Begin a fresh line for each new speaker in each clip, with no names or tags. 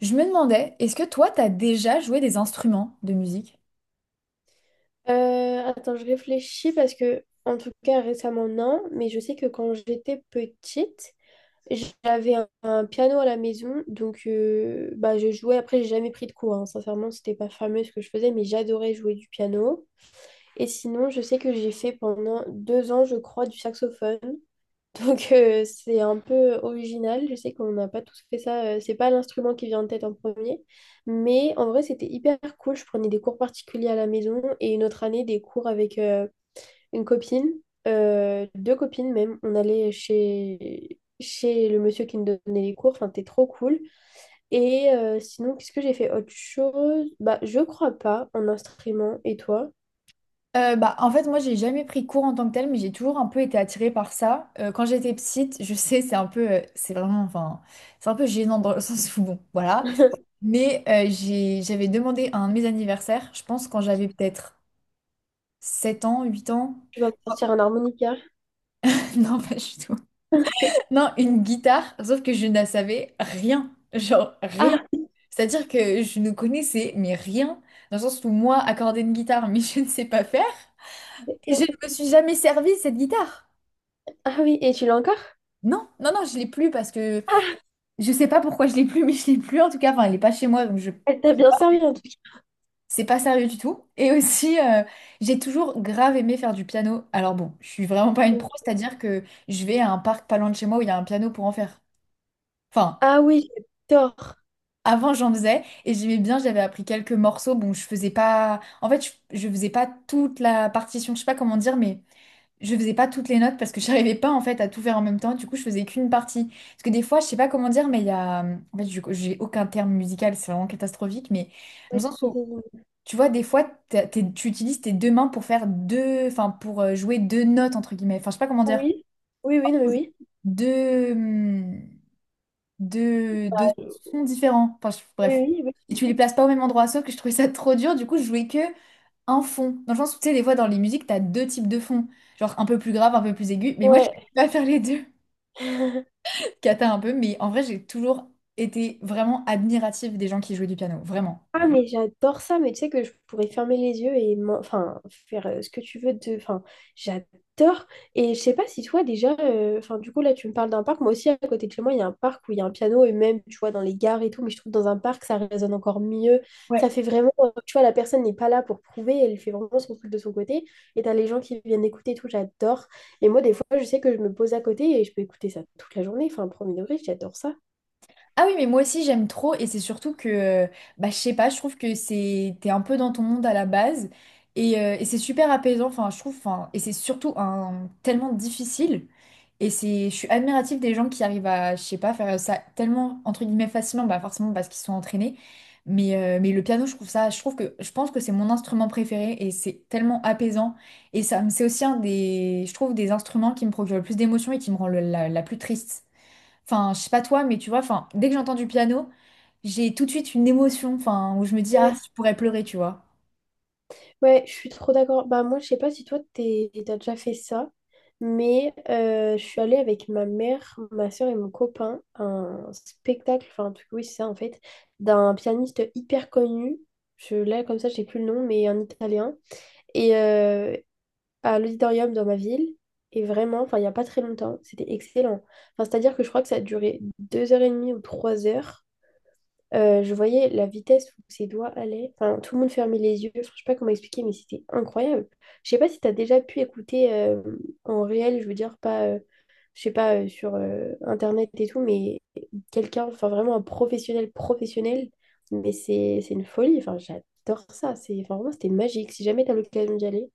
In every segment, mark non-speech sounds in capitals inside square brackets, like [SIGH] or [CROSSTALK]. Je me demandais, est-ce que toi, t'as déjà joué des instruments de musique?
Attends, je réfléchis parce que, en tout cas, récemment, non, mais je sais que quand j'étais petite, j'avais un piano à la maison, donc bah, je jouais. Après, j'ai jamais pris de cours, hein. Sincèrement, c'était pas fameux ce que je faisais, mais j'adorais jouer du piano. Et sinon, je sais que j'ai fait pendant 2 ans, je crois, du saxophone. Donc c'est un peu original. Je sais qu'on n'a pas tous fait ça. C'est pas l'instrument qui vient en tête en premier. Mais en vrai, c'était hyper cool. Je prenais des cours particuliers à la maison et une autre année des cours avec une copine, deux copines même. On allait chez le monsieur qui nous donnait les cours. Enfin, c'était trop cool. Et sinon, qu'est-ce que j'ai fait autre chose? Bah, je crois pas en instrument. Et toi?
En fait, moi, j'ai jamais pris cours en tant que tel, mais j'ai toujours un peu été attirée par ça. Quand j'étais petite, je [LAUGHS] sais, c'est un peu, c'est vraiment, enfin, c'est un peu gênant dans le sens où, bon, voilà.
[LAUGHS]
J'avais demandé à un de mes anniversaires, je pense quand j'avais peut-être 7 ans, 8 ans.
Tu vas me sortir un harmonica.
[LAUGHS] Non, pas du tout. Non, une guitare, sauf que je ne savais rien, genre rien.
Ah,
C'est-à-dire que je ne connaissais mais rien, dans le sens où moi, accorder une guitare, mais [LAUGHS] je ne sais pas faire. Et je ne me suis jamais servi de cette guitare.
ah oui, et tu l'as encore?
Non, je l'ai plus parce que
Ah.
je sais pas pourquoi je l'ai plus, [LAUGHS] mais je l'ai plus en tout cas. Enfin, elle n'est pas chez moi, donc je
Elle t'a bien servi en tout cas.
c'est pas sérieux du tout. Et aussi, j'ai toujours grave aimé faire du piano. Alors bon, je suis vraiment pas une pro, c'est-à-dire que je vais à un parc pas loin de chez moi où il y a un piano pour en faire. Enfin,
Ah oui, j'adore.
avant, j'en faisais et j'aimais bien, j'avais appris quelques morceaux. Bon, je faisais pas. En fait, je faisais pas toute la partition, je sais pas comment dire, mais je faisais pas toutes les notes parce que [LAUGHS] j'arrivais pas en fait à tout faire en même temps. Du coup, je faisais qu'une partie. Parce que des fois, je sais pas comment dire, mais il y a. En fait, j'ai aucun terme musical, c'est vraiment catastrophique, mais dans le sens
Oui,
où, tu vois, des fois, tu utilises tes deux mains pour faire deux. Enfin, pour jouer deux notes, entre guillemets. Enfin, je sais pas comment dire.
oui, oui, non, mais oui.
Deux. De
Oui,
sons différents. Bref.
oui, oui.
Et tu les places pas au même endroit, sauf que je trouvais ça trop dur. Du coup, je jouais que un fond. Dans le sens où, tu sais, des fois, dans les musiques, t'as deux types de fonds. Genre un peu plus grave, un peu plus aigu. Mais moi, je [LAUGHS]
Ouais.
pouvais pas faire les deux.
[LAUGHS]
[LAUGHS] Cata un peu. Mais en vrai, j'ai toujours été vraiment admirative des gens qui jouaient du piano. Vraiment.
Ah, mais j'adore ça, mais tu sais que je pourrais fermer les yeux et enfin, faire ce que tu veux de, enfin, j'adore. Et je sais pas si toi déjà, enfin, du coup, là, tu me parles d'un parc. Moi aussi, à côté de chez moi, il y a un parc où il y a un piano et même, tu vois, dans les gares et tout, mais je trouve que dans un parc, ça résonne encore mieux.
Ouais.
Ça fait vraiment, tu vois, la personne n'est pas là pour prouver, elle fait vraiment son truc de son côté. Et t'as les gens qui viennent écouter et tout, j'adore. Et moi, des fois, je sais que je me pose à côté et je peux écouter ça toute la journée. Enfin, premier degré, j'adore ça.
Ah oui, mais moi aussi j'aime trop et c'est surtout que, bah, je sais pas, je trouve que c'est, t'es un peu dans ton monde à la base et c'est super apaisant, enfin je trouve, enfin, et c'est surtout un, tellement difficile et c'est, je suis admirative des gens qui arrivent à, je sais pas, faire ça tellement, entre guillemets, facilement, bah forcément parce qu'ils sont entraînés, mais le piano je trouve ça, je trouve que, je pense que c'est mon instrument préféré et c'est tellement apaisant et ça, c'est aussi un des, je trouve, des instruments qui me procure le plus d'émotions et qui me rend la plus triste. Enfin, je sais pas toi, mais tu vois, enfin, dès que j'entends du piano, j'ai tout de suite une émotion, enfin, où je me dis, ah,
Ouais,
je pourrais pleurer, tu vois.
ouais, je suis trop d'accord. Bah moi, je sais pas si toi, t'as déjà fait ça, mais je suis allée avec ma mère, ma soeur et mon copain à un spectacle, enfin un truc, oui, c'est ça en fait, d'un pianiste hyper connu. Là, comme ça, je sais plus le nom, mais un italien. Et, à l'auditorium dans ma ville. Et vraiment, enfin, il n'y a pas très longtemps, c'était excellent. Enfin, c'est-à-dire que je crois que ça a duré 2 heures et demie ou 3 heures. Je voyais la vitesse où ses doigts allaient. Enfin, tout le monde fermait les yeux. Enfin, je sais pas comment expliquer, mais c'était incroyable. Je sais pas si tu as déjà pu écouter en réel, je veux dire, pas, je sais pas, sur Internet et tout, mais quelqu'un, enfin, vraiment un professionnel, professionnel. Mais c'est une folie. Enfin, j'adore ça. C'est, enfin, vraiment, c'était magique. Si jamais tu as l'occasion d'y aller.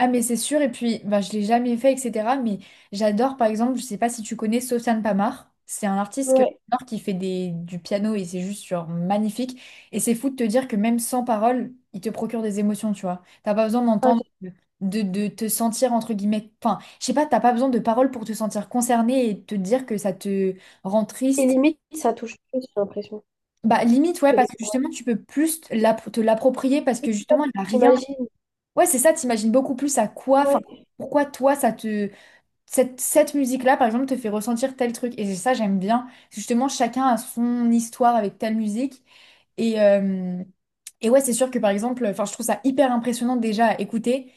Ah, mais c'est sûr, et puis, bah, je l'ai jamais fait, etc. Mais j'adore, par exemple, je sais pas si tu connais Sofiane Pamar. C'est un artiste que
Ouais.
j'adore qui fait des, du piano et c'est juste genre magnifique. Et c'est fou de te dire que même sans parole, il te procure des émotions, tu vois. T'as pas besoin
Ah.
d'entendre, de, de te sentir, entre guillemets, enfin, je sais pas, t'as pas besoin de paroles pour te sentir concerné et te dire que ça te rend
Et
triste.
limite, ça touche plus, j'ai l'impression,
Bah, limite, ouais,
que
parce
des
que
parents.
justement, tu peux plus te l'approprier parce que justement, il n'y a rien.
J'imagine.
Ouais, c'est ça, t'imagines beaucoup plus à quoi, enfin,
Ouais.
pourquoi toi, ça te. Cette musique-là, par exemple, te fait ressentir tel truc. Et c'est ça, j'aime bien. Justement, chacun a son histoire avec telle musique. Et, euh, et ouais, c'est sûr que par exemple, enfin, je trouve ça hyper impressionnant déjà à écouter.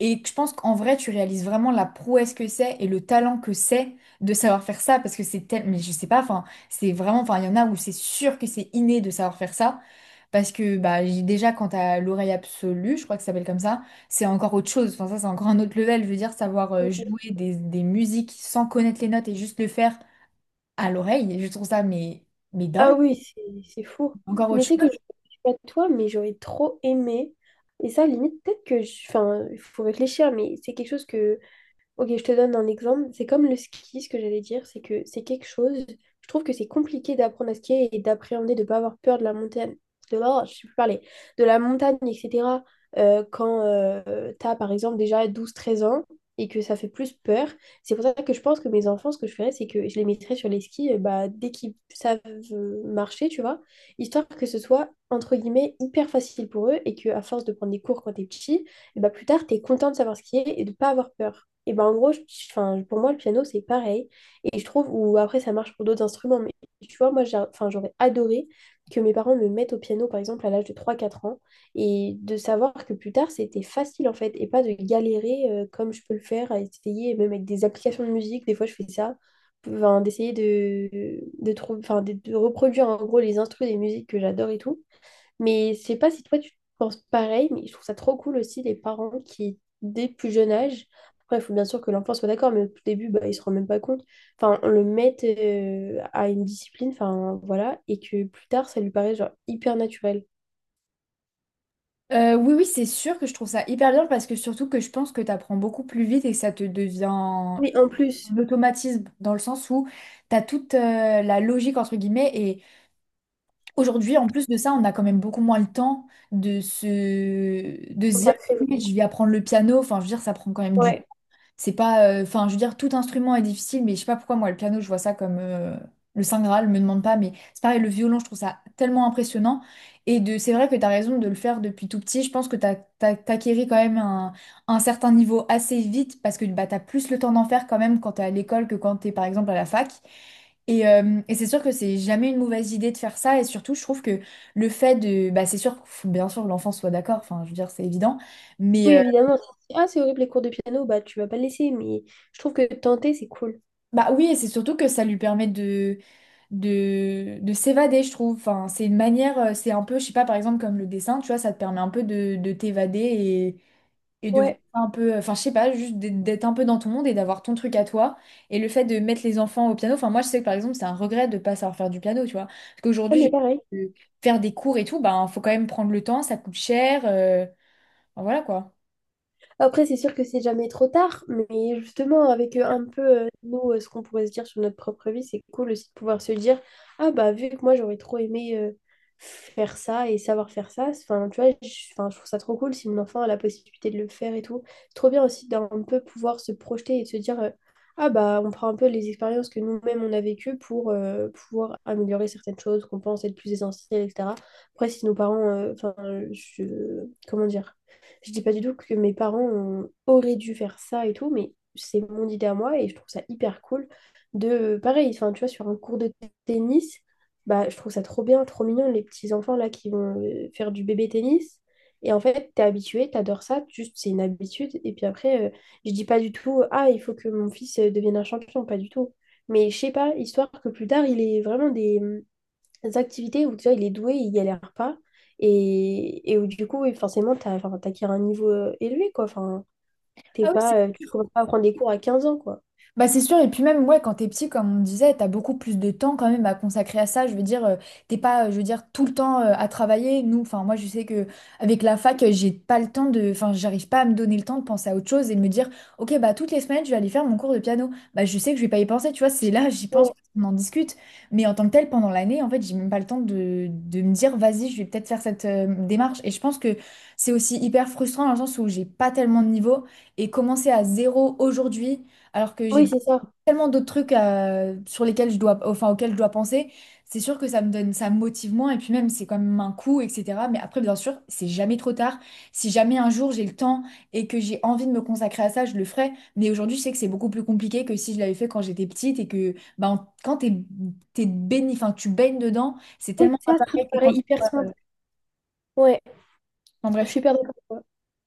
Et je pense qu'en vrai, tu réalises vraiment la prouesse que c'est et le talent que c'est de savoir faire ça parce que c'est tel… Mais je sais pas, enfin, c'est vraiment… Enfin, il y en a où c'est sûr que c'est inné de savoir faire ça parce que bah, déjà, quand t'as l'oreille absolue, je crois que ça s'appelle comme ça, c'est encore autre chose. Enfin, ça, c'est encore un autre level. Je veux dire, savoir jouer des musiques sans connaître les notes et juste le faire à l'oreille, je trouve ça, mais
Ah
dingue.
oui, c'est fou.
Encore
Mais
autre
tu sais que
chose.
je sais pas toi, mais j'aurais trop aimé. Et ça, limite, peut-être que je, enfin, il faut réfléchir, mais c'est quelque chose que. Ok, je te donne un exemple. C'est comme le ski, ce que j'allais dire, c'est que c'est quelque chose. Je trouve que c'est compliqué d'apprendre à skier et d'appréhender, de ne pas avoir peur de la montagne, je sais plus parler, de la montagne, etc. Quand tu as, par exemple, déjà 12-13 ans et que ça fait plus peur. C'est pour ça que je pense que mes enfants, ce que je ferais, c'est que je les mettrais sur les skis bah, dès qu'ils savent marcher, tu vois, histoire que ce soit, entre guillemets, hyper facile pour eux et que à force de prendre des cours quand tu es petit, et bah, plus tard, t'es content de savoir skier et de pas avoir peur. Et ben en gros, enfin, pour moi, le piano, c'est pareil. Et je trouve, ou après, ça marche pour d'autres instruments, mais tu vois, moi, enfin, j'aurais adoré que mes parents me mettent au piano, par exemple, à l'âge de trois quatre ans, et de savoir que plus tard, c'était facile, en fait, et pas de galérer comme je peux le faire, à essayer, même avec des applications de musique, des fois, je fais ça, enfin, d'essayer enfin, de reproduire, en gros, les instruments des musiques que j'adore et tout. Mais je sais pas si toi tu penses pareil, mais je trouve ça trop cool aussi les parents qui, dès plus jeune âge, après il faut bien sûr que l'enfant soit d'accord, mais au tout début, bah, il se rend même pas compte, enfin, on le mette à une discipline, enfin voilà, et que plus tard ça lui paraît genre hyper naturel.
Oui, oui, c'est sûr que je trouve ça hyper bien parce que surtout que je pense que tu apprends beaucoup plus vite et que ça te devient
Oui, en plus,
l'automatisme dans le sens où tu as toute la logique entre guillemets et aujourd'hui en plus de ça on a quand même beaucoup moins le temps de se
on
dire
s'accroche.
ok, je vais apprendre le piano enfin je veux dire ça prend quand même du
Ouais.
c'est pas, enfin, je veux dire, tout instrument est difficile, mais je sais pas pourquoi moi, le piano, je vois ça comme le Saint Graal, me demande pas, mais c'est pareil, le violon, je trouve ça tellement impressionnant. Et de, c'est vrai que t'as raison de le faire depuis tout petit. Je pense que t'acquéris quand même un certain niveau assez vite parce que bah, t'as plus le temps d'en faire quand même quand t'es à l'école que quand t'es par exemple à la fac. Et c'est sûr que c'est jamais une mauvaise idée de faire ça. Et surtout, je trouve que le fait de, bah, c'est sûr, faut bien sûr, que l'enfant soit d'accord. Enfin, je veux dire, c'est évident. Mais
Oui,
euh,
évidemment. Ah, c'est horrible les cours de piano, bah tu vas pas le laisser, mais je trouve que tenter c'est cool.
Bah oui, et c'est surtout que ça lui permet de de s'évader, je trouve. Enfin, c'est une manière, c'est un peu, je sais pas, par exemple, comme le dessin, tu vois, ça te permet un peu de t'évader et de voir
Ouais.
un peu, enfin, je sais pas, juste d'être un peu dans ton monde et d'avoir ton truc à toi. Et le fait de mettre les enfants au piano, enfin, moi, je sais que par exemple, c'est un regret de pas savoir faire du piano, tu vois. Parce
Ah,
qu'aujourd'hui,
mais pareil.
je- euh, faire des cours et tout, ben, faut quand même prendre le temps, ça coûte cher. Enfin, voilà quoi.
Après, c'est sûr que c'est jamais trop tard, mais justement, avec un peu, nous, ce qu'on pourrait se dire sur notre propre vie, c'est cool aussi de pouvoir se dire, ah bah, vu que moi, j'aurais trop aimé faire ça et savoir faire ça, enfin, tu vois, je, 'fin, je trouve ça trop cool si mon enfant a la possibilité de le faire et tout. C'est trop bien aussi d'un peu pouvoir se projeter et de se dire, ah bah, on prend un peu les expériences que nous-mêmes, on a vécues pour pouvoir améliorer certaines choses qu'on pense être plus essentielles, etc. Après, si nos parents, enfin, je, comment dire? Je dis pas du tout que mes parents auraient dû faire ça et tout, mais c'est mon idée à moi et je trouve ça hyper cool de, pareil, enfin, tu vois, sur un cours de tennis, bah, je trouve ça trop bien, trop mignon, les petits enfants là qui vont faire du bébé tennis. Et en fait, t'es habitué, t'adores ça, juste c'est une habitude. Et puis après, je dis pas du tout, ah, il faut que mon fils devienne un champion, pas du tout. Mais je sais pas, histoire que plus tard, il ait vraiment des activités où déjà il est doué, il galère pas, et où du coup, oui, forcément, t'as, enfin, t'acquiers un niveau élevé, quoi. Enfin, t'es
Ah oui, c'est
pas, tu commences pas à prendre des cours à 15 ans, quoi.
bah c'est sûr, et puis même ouais, quand t'es petit, comme on disait, t'as beaucoup plus de temps quand même à consacrer à ça. Je veux dire, t'es pas, je veux dire, tout le temps à travailler. Nous, enfin moi je sais que avec la fac, j'ai pas le temps de. Enfin, j'arrive pas à me donner le temps de penser à autre chose et de me dire, ok, bah toutes les semaines, je vais aller faire mon cours de piano. Bah je sais que je vais pas y penser, tu vois, c'est là, j'y pense,
Ouais.
on en discute. Mais en tant que tel, pendant l'année, en fait, j'ai même pas le temps de me dire, vas-y, je vais peut-être faire cette démarche. Et je pense que c'est aussi hyper frustrant dans le sens où j'ai pas tellement de niveau. Et commencer à zéro aujourd'hui alors que
Oui,
j'ai
c'est ça.
tellement d'autres trucs sur lesquels je dois, enfin, auxquels je dois penser. C'est sûr que ça me donne, ça me motive moins et puis même c'est quand même un coût, etc. Mais après, bien sûr, c'est jamais trop tard. Si jamais un jour j'ai le temps et que j'ai envie de me consacrer à ça, je le ferai. Mais aujourd'hui, je sais que c'est beaucoup plus compliqué que si je l'avais fait quand j'étais petite et que ben, quand t'es, t'es baigné, enfin, tu baignes dedans, c'est
Oui,
tellement pas
c'est ça, tout te
pareil que quand…
paraît hyper simple. Ouais,
Enfin,
je
bref.
suis hyper d'accord. Ouais.